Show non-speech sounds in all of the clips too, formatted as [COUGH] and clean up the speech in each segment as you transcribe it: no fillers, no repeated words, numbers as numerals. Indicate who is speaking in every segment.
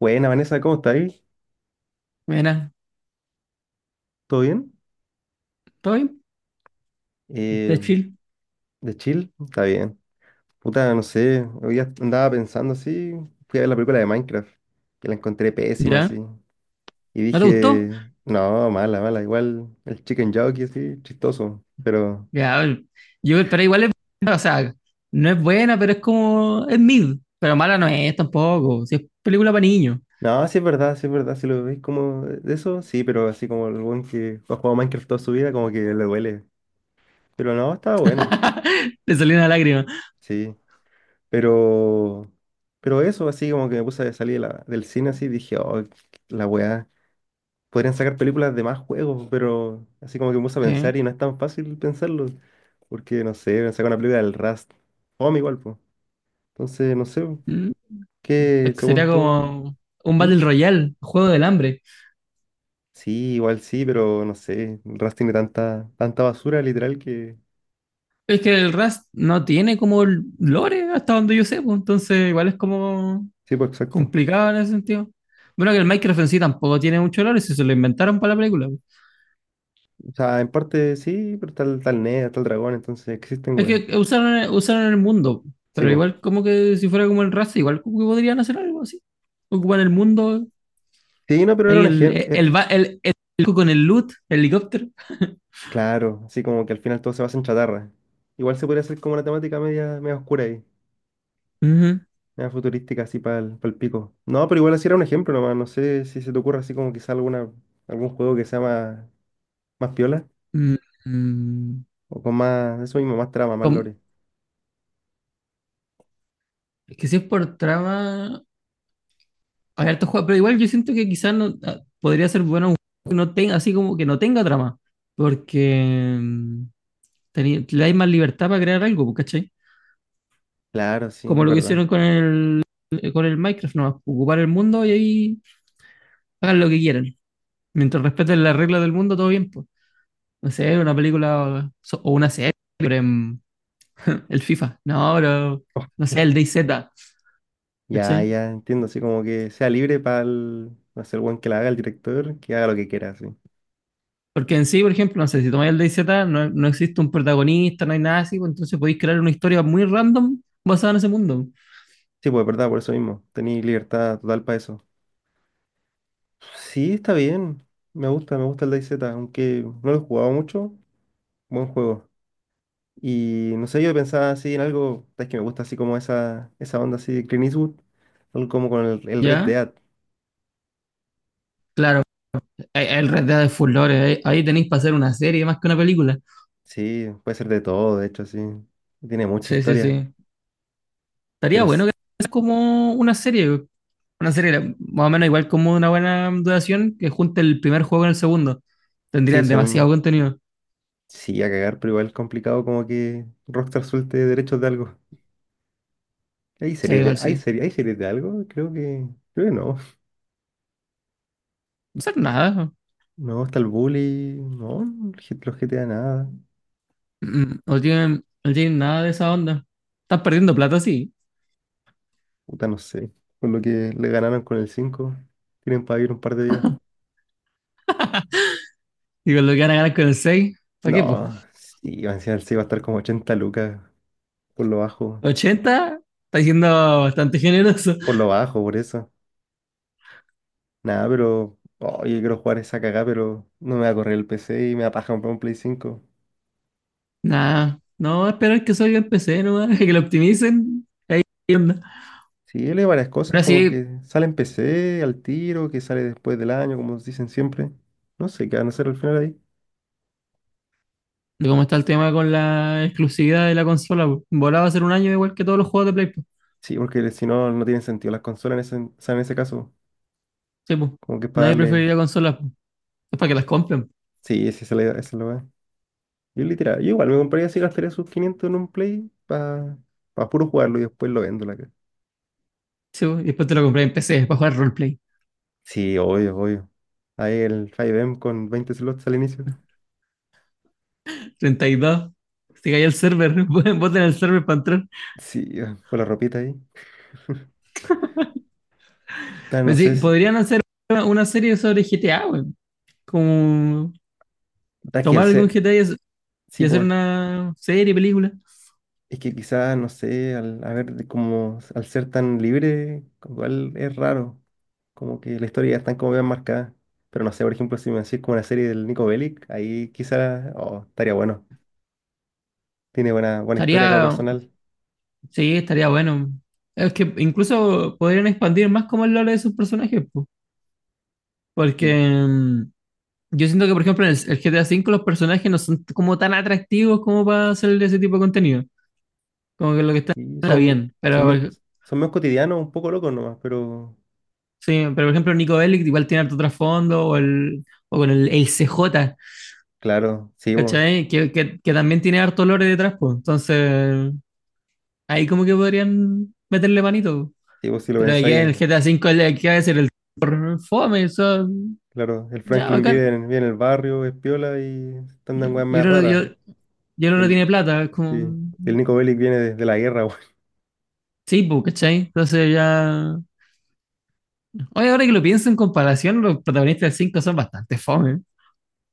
Speaker 1: Buena, Vanessa, ¿cómo estáis?
Speaker 2: Buena,
Speaker 1: ¿Todo bien?
Speaker 2: ¿todo bien? Está
Speaker 1: Eh,
Speaker 2: chill,
Speaker 1: ¿De chill? Está bien. Puta, no sé, hoy día andaba pensando así, fui a ver la película de Minecraft, que la encontré pésima así,
Speaker 2: ¿ya?
Speaker 1: y
Speaker 2: ¿No te gustó?
Speaker 1: dije, no, mala, mala, igual el chicken jockey así, chistoso, pero
Speaker 2: Ya, yo, pero igual es, buena, o sea, no es buena, pero es como, es mid, pero mala no es tampoco, si es película para niños.
Speaker 1: no, sí es verdad, si lo veis como de eso, sí, pero así como el buen que ha jugado Minecraft toda su vida, como que le duele, pero no, estaba buena,
Speaker 2: [LAUGHS] Le salió una lágrima.
Speaker 1: sí. Pero, pero eso, así como que me puse a salir de del cine así, dije, oh, la weá, podrían sacar películas de más juegos, pero así como que me puse a pensar
Speaker 2: Sí.
Speaker 1: y no es tan fácil pensarlo, porque no sé, sacar una película del Rust, fome igual, pues. Entonces, no sé,
Speaker 2: Mm.
Speaker 1: ¿qué
Speaker 2: Es que
Speaker 1: según
Speaker 2: sería
Speaker 1: tú?
Speaker 2: como un
Speaker 1: ¿Mm?
Speaker 2: Battle Royale, juego del hambre.
Speaker 1: Sí, igual sí, pero no sé, el Rust tiene tanta basura literal que...
Speaker 2: Es que el Rust no tiene como lore, hasta donde yo sé, pues, entonces igual es como
Speaker 1: Sí, pues exacto.
Speaker 2: complicado en ese sentido. Bueno, que el Minecraft en sí tampoco tiene mucho lore, si se lo inventaron para la película.
Speaker 1: O sea, en parte sí, pero tal Ned, tal Dragón, entonces existen,
Speaker 2: Es
Speaker 1: weá.
Speaker 2: que usaron, usaron el mundo,
Speaker 1: Sí,
Speaker 2: pero
Speaker 1: pues.
Speaker 2: igual como que si fuera como el raza, igual como que podrían hacer algo así. Ocupan el mundo,
Speaker 1: Sí, no, pero era
Speaker 2: ahí
Speaker 1: un
Speaker 2: el, el,
Speaker 1: ejemplo.
Speaker 2: el, va- el- el- el con el loot, el helicóptero.
Speaker 1: Claro, así como que al final todo se basa en chatarra. Igual se podría hacer como una temática media oscura ahí,
Speaker 2: Ujú.
Speaker 1: media futurística así para el, pico. No, pero igual así era un ejemplo nomás, no sé si se te ocurre así como quizá alguna, algún juego que sea más piola
Speaker 2: Mm, mm.
Speaker 1: o con más, eso mismo, más trama, más
Speaker 2: Com-
Speaker 1: lore.
Speaker 2: es que si es por trama, hay hartos juegos, pero igual yo siento que quizás no, ah, podría ser bueno un juego que no tenga, así como que no tenga trama, porque le hay más libertad para crear algo, pues, ¿cachai?
Speaker 1: Claro, sí,
Speaker 2: Como
Speaker 1: es
Speaker 2: lo que hicieron
Speaker 1: verdad. [LAUGHS]
Speaker 2: con el Minecraft, nomás, ocupar el mundo y ahí hagan lo que quieran. Mientras respeten las reglas del mundo, todo bien, pues. No sé, una película o una serie, sobre el FIFA. No, pero,
Speaker 1: Oh,
Speaker 2: no sé, el DayZ,
Speaker 1: ya,
Speaker 2: ¿cachai?
Speaker 1: ya, entiendo, así como que sea libre para el, no sé, el buen que la haga, el director, que haga lo que quiera, sí.
Speaker 2: Porque en sí, por ejemplo, no sé, si tomáis el DayZ, no, no existe un protagonista, no hay nada así, pues entonces podéis crear una historia muy random basada en ese mundo.
Speaker 1: Sí, pues verdad, por eso mismo, tenéis libertad total para eso. Sí, está bien. Me gusta el DayZ, aunque no lo he jugado mucho, buen juego. Y no sé, yo pensaba así en algo, es que me gusta así como esa onda así de Clint Eastwood, algo como con el Red
Speaker 2: ¿Ya?
Speaker 1: Dead.
Speaker 2: Claro, hay el Red Dead de Fulores, ahí, ahí tenéis para hacer una serie más que una película.
Speaker 1: Sí, puede ser de todo, de hecho, sí. Tiene mucha
Speaker 2: Sí, sí,
Speaker 1: historia,
Speaker 2: sí.
Speaker 1: pero
Speaker 2: Estaría bueno que es como una serie, más o menos igual como una buena duración que junte el primer juego con el segundo.
Speaker 1: sí,
Speaker 2: Tendrían
Speaker 1: eso
Speaker 2: demasiado
Speaker 1: mismo.
Speaker 2: contenido.
Speaker 1: Sí, a cagar, pero igual es complicado como que Rockstar suelte derechos de algo. ¿Hay
Speaker 2: Sí,
Speaker 1: series de,
Speaker 2: igual
Speaker 1: hay
Speaker 2: sí.
Speaker 1: hay series de algo? Creo que no.
Speaker 2: No hacer nada.
Speaker 1: No, está el Bully, no, los GTA nada.
Speaker 2: No tienen nada de esa onda. Están perdiendo plata, sí.
Speaker 1: Puta, no sé. Con lo que le ganaron con el 5 tienen para vivir un par de días.
Speaker 2: Y con lo que van a ganar con el seis, ¿para
Speaker 1: No,
Speaker 2: qué, pues?
Speaker 1: sí, va a sí, va a estar como 80 lucas por lo bajo.
Speaker 2: 80 está siendo bastante generoso.
Speaker 1: Por lo bajo, por eso. Nada, pero. Oye, quiero jugar esa cagada, pero no me va a correr el PC y me va a paja comprar un Play cinco.
Speaker 2: Nada, no esperar que salga en PC, nomás, [LAUGHS] que lo optimicen. Ahí onda.
Speaker 1: Sí, él hay varias cosas,
Speaker 2: Ahora
Speaker 1: como
Speaker 2: sí,
Speaker 1: que sale en PC al tiro, que sale después del año, como dicen siempre. No sé qué van a hacer al final ahí.
Speaker 2: de cómo está el tema con la exclusividad de la consola, pues. Volaba a ser un año igual que todos los juegos de Play, pues.
Speaker 1: Sí, porque si no, no tienen sentido las consolas en ese, o sea, en ese caso.
Speaker 2: Sí, pues.
Speaker 1: Como que es para
Speaker 2: Nadie
Speaker 1: darle.
Speaker 2: preferiría consolas, pues. Es para que las compren.
Speaker 1: Sí, sí, se le la idea, esa. Yo literal, yo igual me compraría así, gastaría sus 500 en un play para puro jugarlo y después lo vendo la cara.
Speaker 2: Sí, pues. Y después te lo compré en PC, para jugar roleplay.
Speaker 1: Sí, obvio, obvio. Ahí el 5M con 20 slots al inicio.
Speaker 2: 32. Se cayó el server. [LAUGHS] Voten el server para entrar.
Speaker 1: Sí, ah, con la ropita ahí. Pero no
Speaker 2: Pues
Speaker 1: sé,
Speaker 2: sí, podrían hacer una, serie sobre GTA, güey. Como
Speaker 1: da que al
Speaker 2: tomar algún
Speaker 1: ser,
Speaker 2: GTA y
Speaker 1: sí,
Speaker 2: hacer
Speaker 1: pues
Speaker 2: una serie, película.
Speaker 1: es que quizás, no sé, al, a ver, de como al ser tan libre, igual es raro. Como que la historia ya está como bien marcada. Pero no sé, por ejemplo, si me decís como una serie del Nico Bellic, ahí quizás, oh, estaría bueno. Tiene buena historia como
Speaker 2: Estaría,
Speaker 1: personal.
Speaker 2: sí, estaría bueno. Es que incluso podrían expandir más como el lore de sus personajes, po. Porque
Speaker 1: Y
Speaker 2: mm, yo siento que, por ejemplo, en el GTA V los personajes no son como tan atractivos como para hacer ese tipo de contenido. Como que lo que está
Speaker 1: Y
Speaker 2: está
Speaker 1: son,
Speaker 2: bien.
Speaker 1: son, bien-
Speaker 2: Pero
Speaker 1: son menos cotidianos, un poco locos nomás, pero
Speaker 2: sí, pero por ejemplo Nico Bellic igual tiene harto trasfondo, o, el, o con el CJ,
Speaker 1: claro,
Speaker 2: ¿cachai? Que también tiene harto lore detrás, pues. Entonces, ahí como que podrían meterle manito, po.
Speaker 1: sí, vos si lo
Speaker 2: Pero de que
Speaker 1: pensáis,
Speaker 2: el GTA V, ¿qué va a decir? El por fome, eso,
Speaker 1: claro, el
Speaker 2: ya,
Speaker 1: Franklin vive
Speaker 2: bacán.
Speaker 1: en, vive en el barrio, es piola y
Speaker 2: Yo
Speaker 1: andan weas
Speaker 2: yo
Speaker 1: más
Speaker 2: creo yo,
Speaker 1: raras.
Speaker 2: yo
Speaker 1: Y
Speaker 2: no tiene
Speaker 1: el,
Speaker 2: plata, es como...
Speaker 1: y el Nico Bellic viene de la guerra, weón.
Speaker 2: Sí, pues, ¿cachai? Entonces ya... Oye, ahora que lo pienso en comparación, los protagonistas del cinco son bastante fome.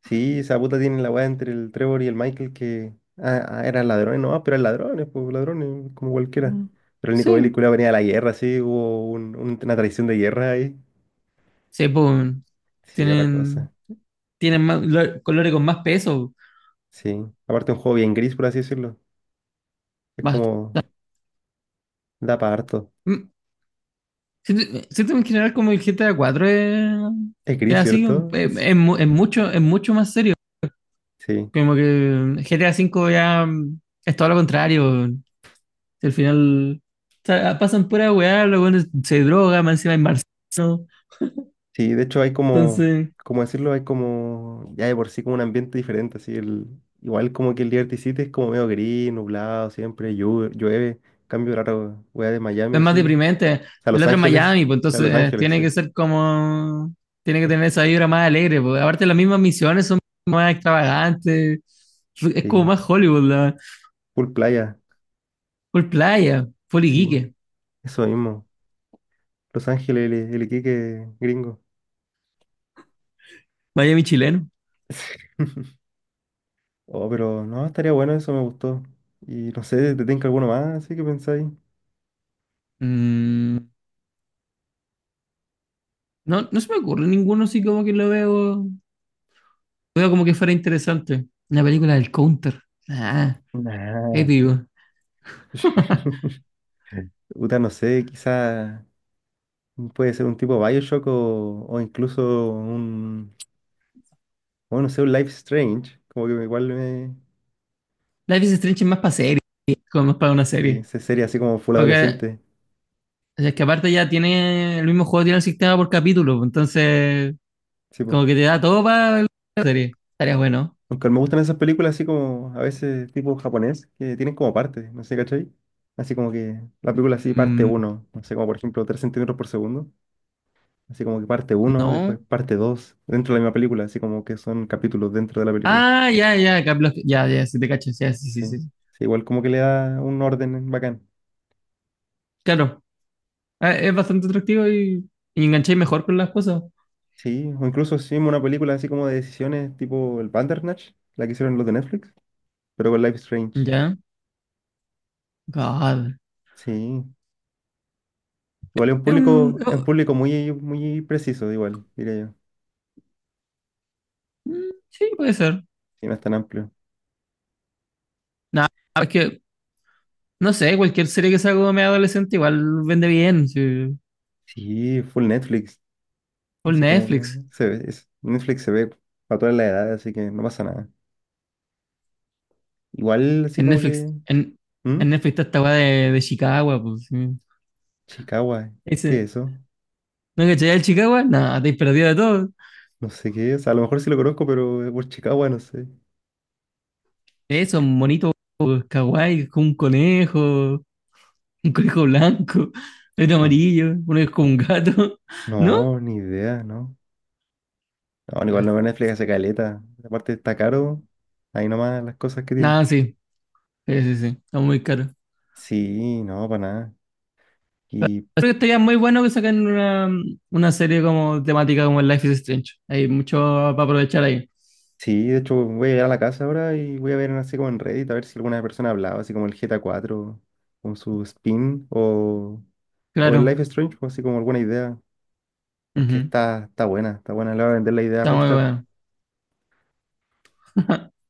Speaker 1: Sí, esa puta tiene la wea entre el Trevor y el Michael que eran ladrones nomás, pero eran ladrones, pues ladrones, como cualquiera.
Speaker 2: Mm.
Speaker 1: Pero el Nico Bellic
Speaker 2: Sí.
Speaker 1: culiao, venía de la guerra, sí, hubo una traición de guerra ahí.
Speaker 2: Sí, pues,
Speaker 1: Sí, otra
Speaker 2: tienen
Speaker 1: cosa.
Speaker 2: tienen más, colores con más peso.
Speaker 1: Sí. Aparte un juego bien gris, por así decirlo. Es
Speaker 2: Más,
Speaker 1: como. Da para harto.
Speaker 2: Mm, siento en general como el GTA 4 es,
Speaker 1: Es
Speaker 2: es
Speaker 1: gris,
Speaker 2: así,
Speaker 1: ¿cierto? Sí.
Speaker 2: es mucho más serio.
Speaker 1: Sí,
Speaker 2: Como que GTA 5 ya es todo lo contrario. Al final, o sea, pasan pura weá, luego se droga, más encima hay marciano.
Speaker 1: Sí, de hecho hay como,
Speaker 2: Entonces,
Speaker 1: como decirlo, hay como, ya de por sí como un ambiente diferente, así el, igual como que el Liberty City es como medio gris, nublado, siempre llueve. Cambio raro, wea de Miami
Speaker 2: es más
Speaker 1: así,
Speaker 2: deprimente.
Speaker 1: a
Speaker 2: El
Speaker 1: Los
Speaker 2: otro es
Speaker 1: Ángeles,
Speaker 2: Miami, pues
Speaker 1: a
Speaker 2: entonces
Speaker 1: Los Ángeles,
Speaker 2: tiene
Speaker 1: sí.
Speaker 2: que ser como, tiene que tener esa vibra más alegre, pues. Aparte las mismas misiones son más extravagantes, es como
Speaker 1: Sí,
Speaker 2: más Hollywood, la,
Speaker 1: full playa,
Speaker 2: full playa, full
Speaker 1: sí,
Speaker 2: Iquique,
Speaker 1: eso mismo. Los Ángeles, el Iquique gringo.
Speaker 2: Miami chileno.
Speaker 1: [LAUGHS] Oh, pero no, estaría bueno, eso me gustó. Y no sé, ¿te tengo alguno más? Así que pensáis.
Speaker 2: Mm, no, no se me ocurre ninguno así como que lo veo como que fuera interesante. Una película del Counter, ah,
Speaker 1: Nah.
Speaker 2: épico. [LAUGHS]
Speaker 1: [LAUGHS] Uta, no sé, quizá puede ser un tipo Bioshock o incluso un, bueno, no sé, un Life Strange. Como que igual me,
Speaker 2: Life is Strange es más para serie, como más para una
Speaker 1: sí,
Speaker 2: serie.
Speaker 1: sería así como full
Speaker 2: Porque
Speaker 1: adolescente.
Speaker 2: O sea, es que aparte ya tiene el mismo juego, tiene el sistema por capítulo, pues, entonces
Speaker 1: Sí, po.
Speaker 2: como que te da todo para la serie. Estaría bueno.
Speaker 1: Aunque me gustan esas películas así como a veces tipo japonés, que tienen como partes, no sé, ¿cachai? Así como que la película así parte
Speaker 2: Mm,
Speaker 1: uno, no sé, como por ejemplo 3 centímetros por segundo. Así como que parte uno, después
Speaker 2: no.
Speaker 1: parte 2 dentro de la misma película, así como que son capítulos dentro de la película.
Speaker 2: Ah, ya, ya, ya, ya, si te cachas, ya, sí, sí,
Speaker 1: Sí,
Speaker 2: sí.
Speaker 1: sí, igual como que le da un orden bacán.
Speaker 2: Claro, ah, es bastante atractivo y engancháis mejor con las cosas.
Speaker 1: Sí, o incluso hicimos una película así como de decisiones tipo el Bandersnatch, la que hicieron los de Netflix, pero con Life is Strange.
Speaker 2: Ya, God.
Speaker 1: Sí, igual
Speaker 2: Es un-
Speaker 1: es un
Speaker 2: es-
Speaker 1: público muy preciso, igual, diría yo.
Speaker 2: mm, sí, puede ser.
Speaker 1: Sí, no es tan amplio.
Speaker 2: Nah, es que, no sé, cualquier serie que salga medio adolescente igual vende bien. Sí.
Speaker 1: Sí, full Netflix.
Speaker 2: Por
Speaker 1: Así como que
Speaker 2: Netflix.
Speaker 1: se ve, Netflix se ve para todas las edades, así que no pasa nada. Igual
Speaker 2: Si
Speaker 1: así
Speaker 2: en
Speaker 1: como
Speaker 2: Netflix,
Speaker 1: que.
Speaker 2: en,
Speaker 1: ¿Mm?
Speaker 2: en Netflix está esta weá de Chicago, pues sí.
Speaker 1: Chicago, ¿qué
Speaker 2: Ese,
Speaker 1: es eso?
Speaker 2: ¿no cachai el Chicago? Nada, te perdido de todo.
Speaker 1: No sé qué es. A lo mejor sí lo conozco, pero es por Chicago, no sé.
Speaker 2: Eso,
Speaker 1: Chic.
Speaker 2: un monito kawaii, con un conejo blanco, [LAUGHS] otro
Speaker 1: No,
Speaker 2: amarillo, uno es como un gato, [LAUGHS] ¿no?
Speaker 1: no, ni idea, ¿no? No, igual
Speaker 2: Ah,
Speaker 1: no veo Netflix hace caleta. Aparte está caro, ahí nomás las cosas que tienen.
Speaker 2: nada, sí, sí, sí, sí, está muy caro.
Speaker 1: Sí, no, para nada. Y
Speaker 2: Creo que estaría muy bueno que saquen una serie como temática como el Life is Strange. Hay mucho para aprovechar ahí.
Speaker 1: sí, de hecho voy a llegar a la casa ahora y voy a ver así como en Reddit a ver si alguna persona hablaba así como el GTA 4, con su spin, o el
Speaker 2: Claro,
Speaker 1: Life is Strange, pues, así como alguna idea. Porque
Speaker 2: ujú,
Speaker 1: está, está buena, le va a vender la idea a
Speaker 2: está muy
Speaker 1: Rockstar.
Speaker 2: bueno. [LAUGHS]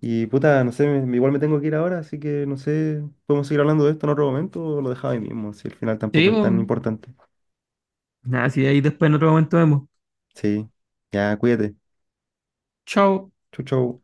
Speaker 1: Y puta, no sé, igual me tengo que ir ahora, así que no sé, podemos seguir hablando de esto en otro momento o lo dejaba ahí mismo, si al final tampoco
Speaker 2: Sí,
Speaker 1: es
Speaker 2: pues.
Speaker 1: tan importante.
Speaker 2: Nada, sí, ahí después en otro momento vemos.
Speaker 1: Sí, ya, cuídate.
Speaker 2: Chao.
Speaker 1: Chau, chau.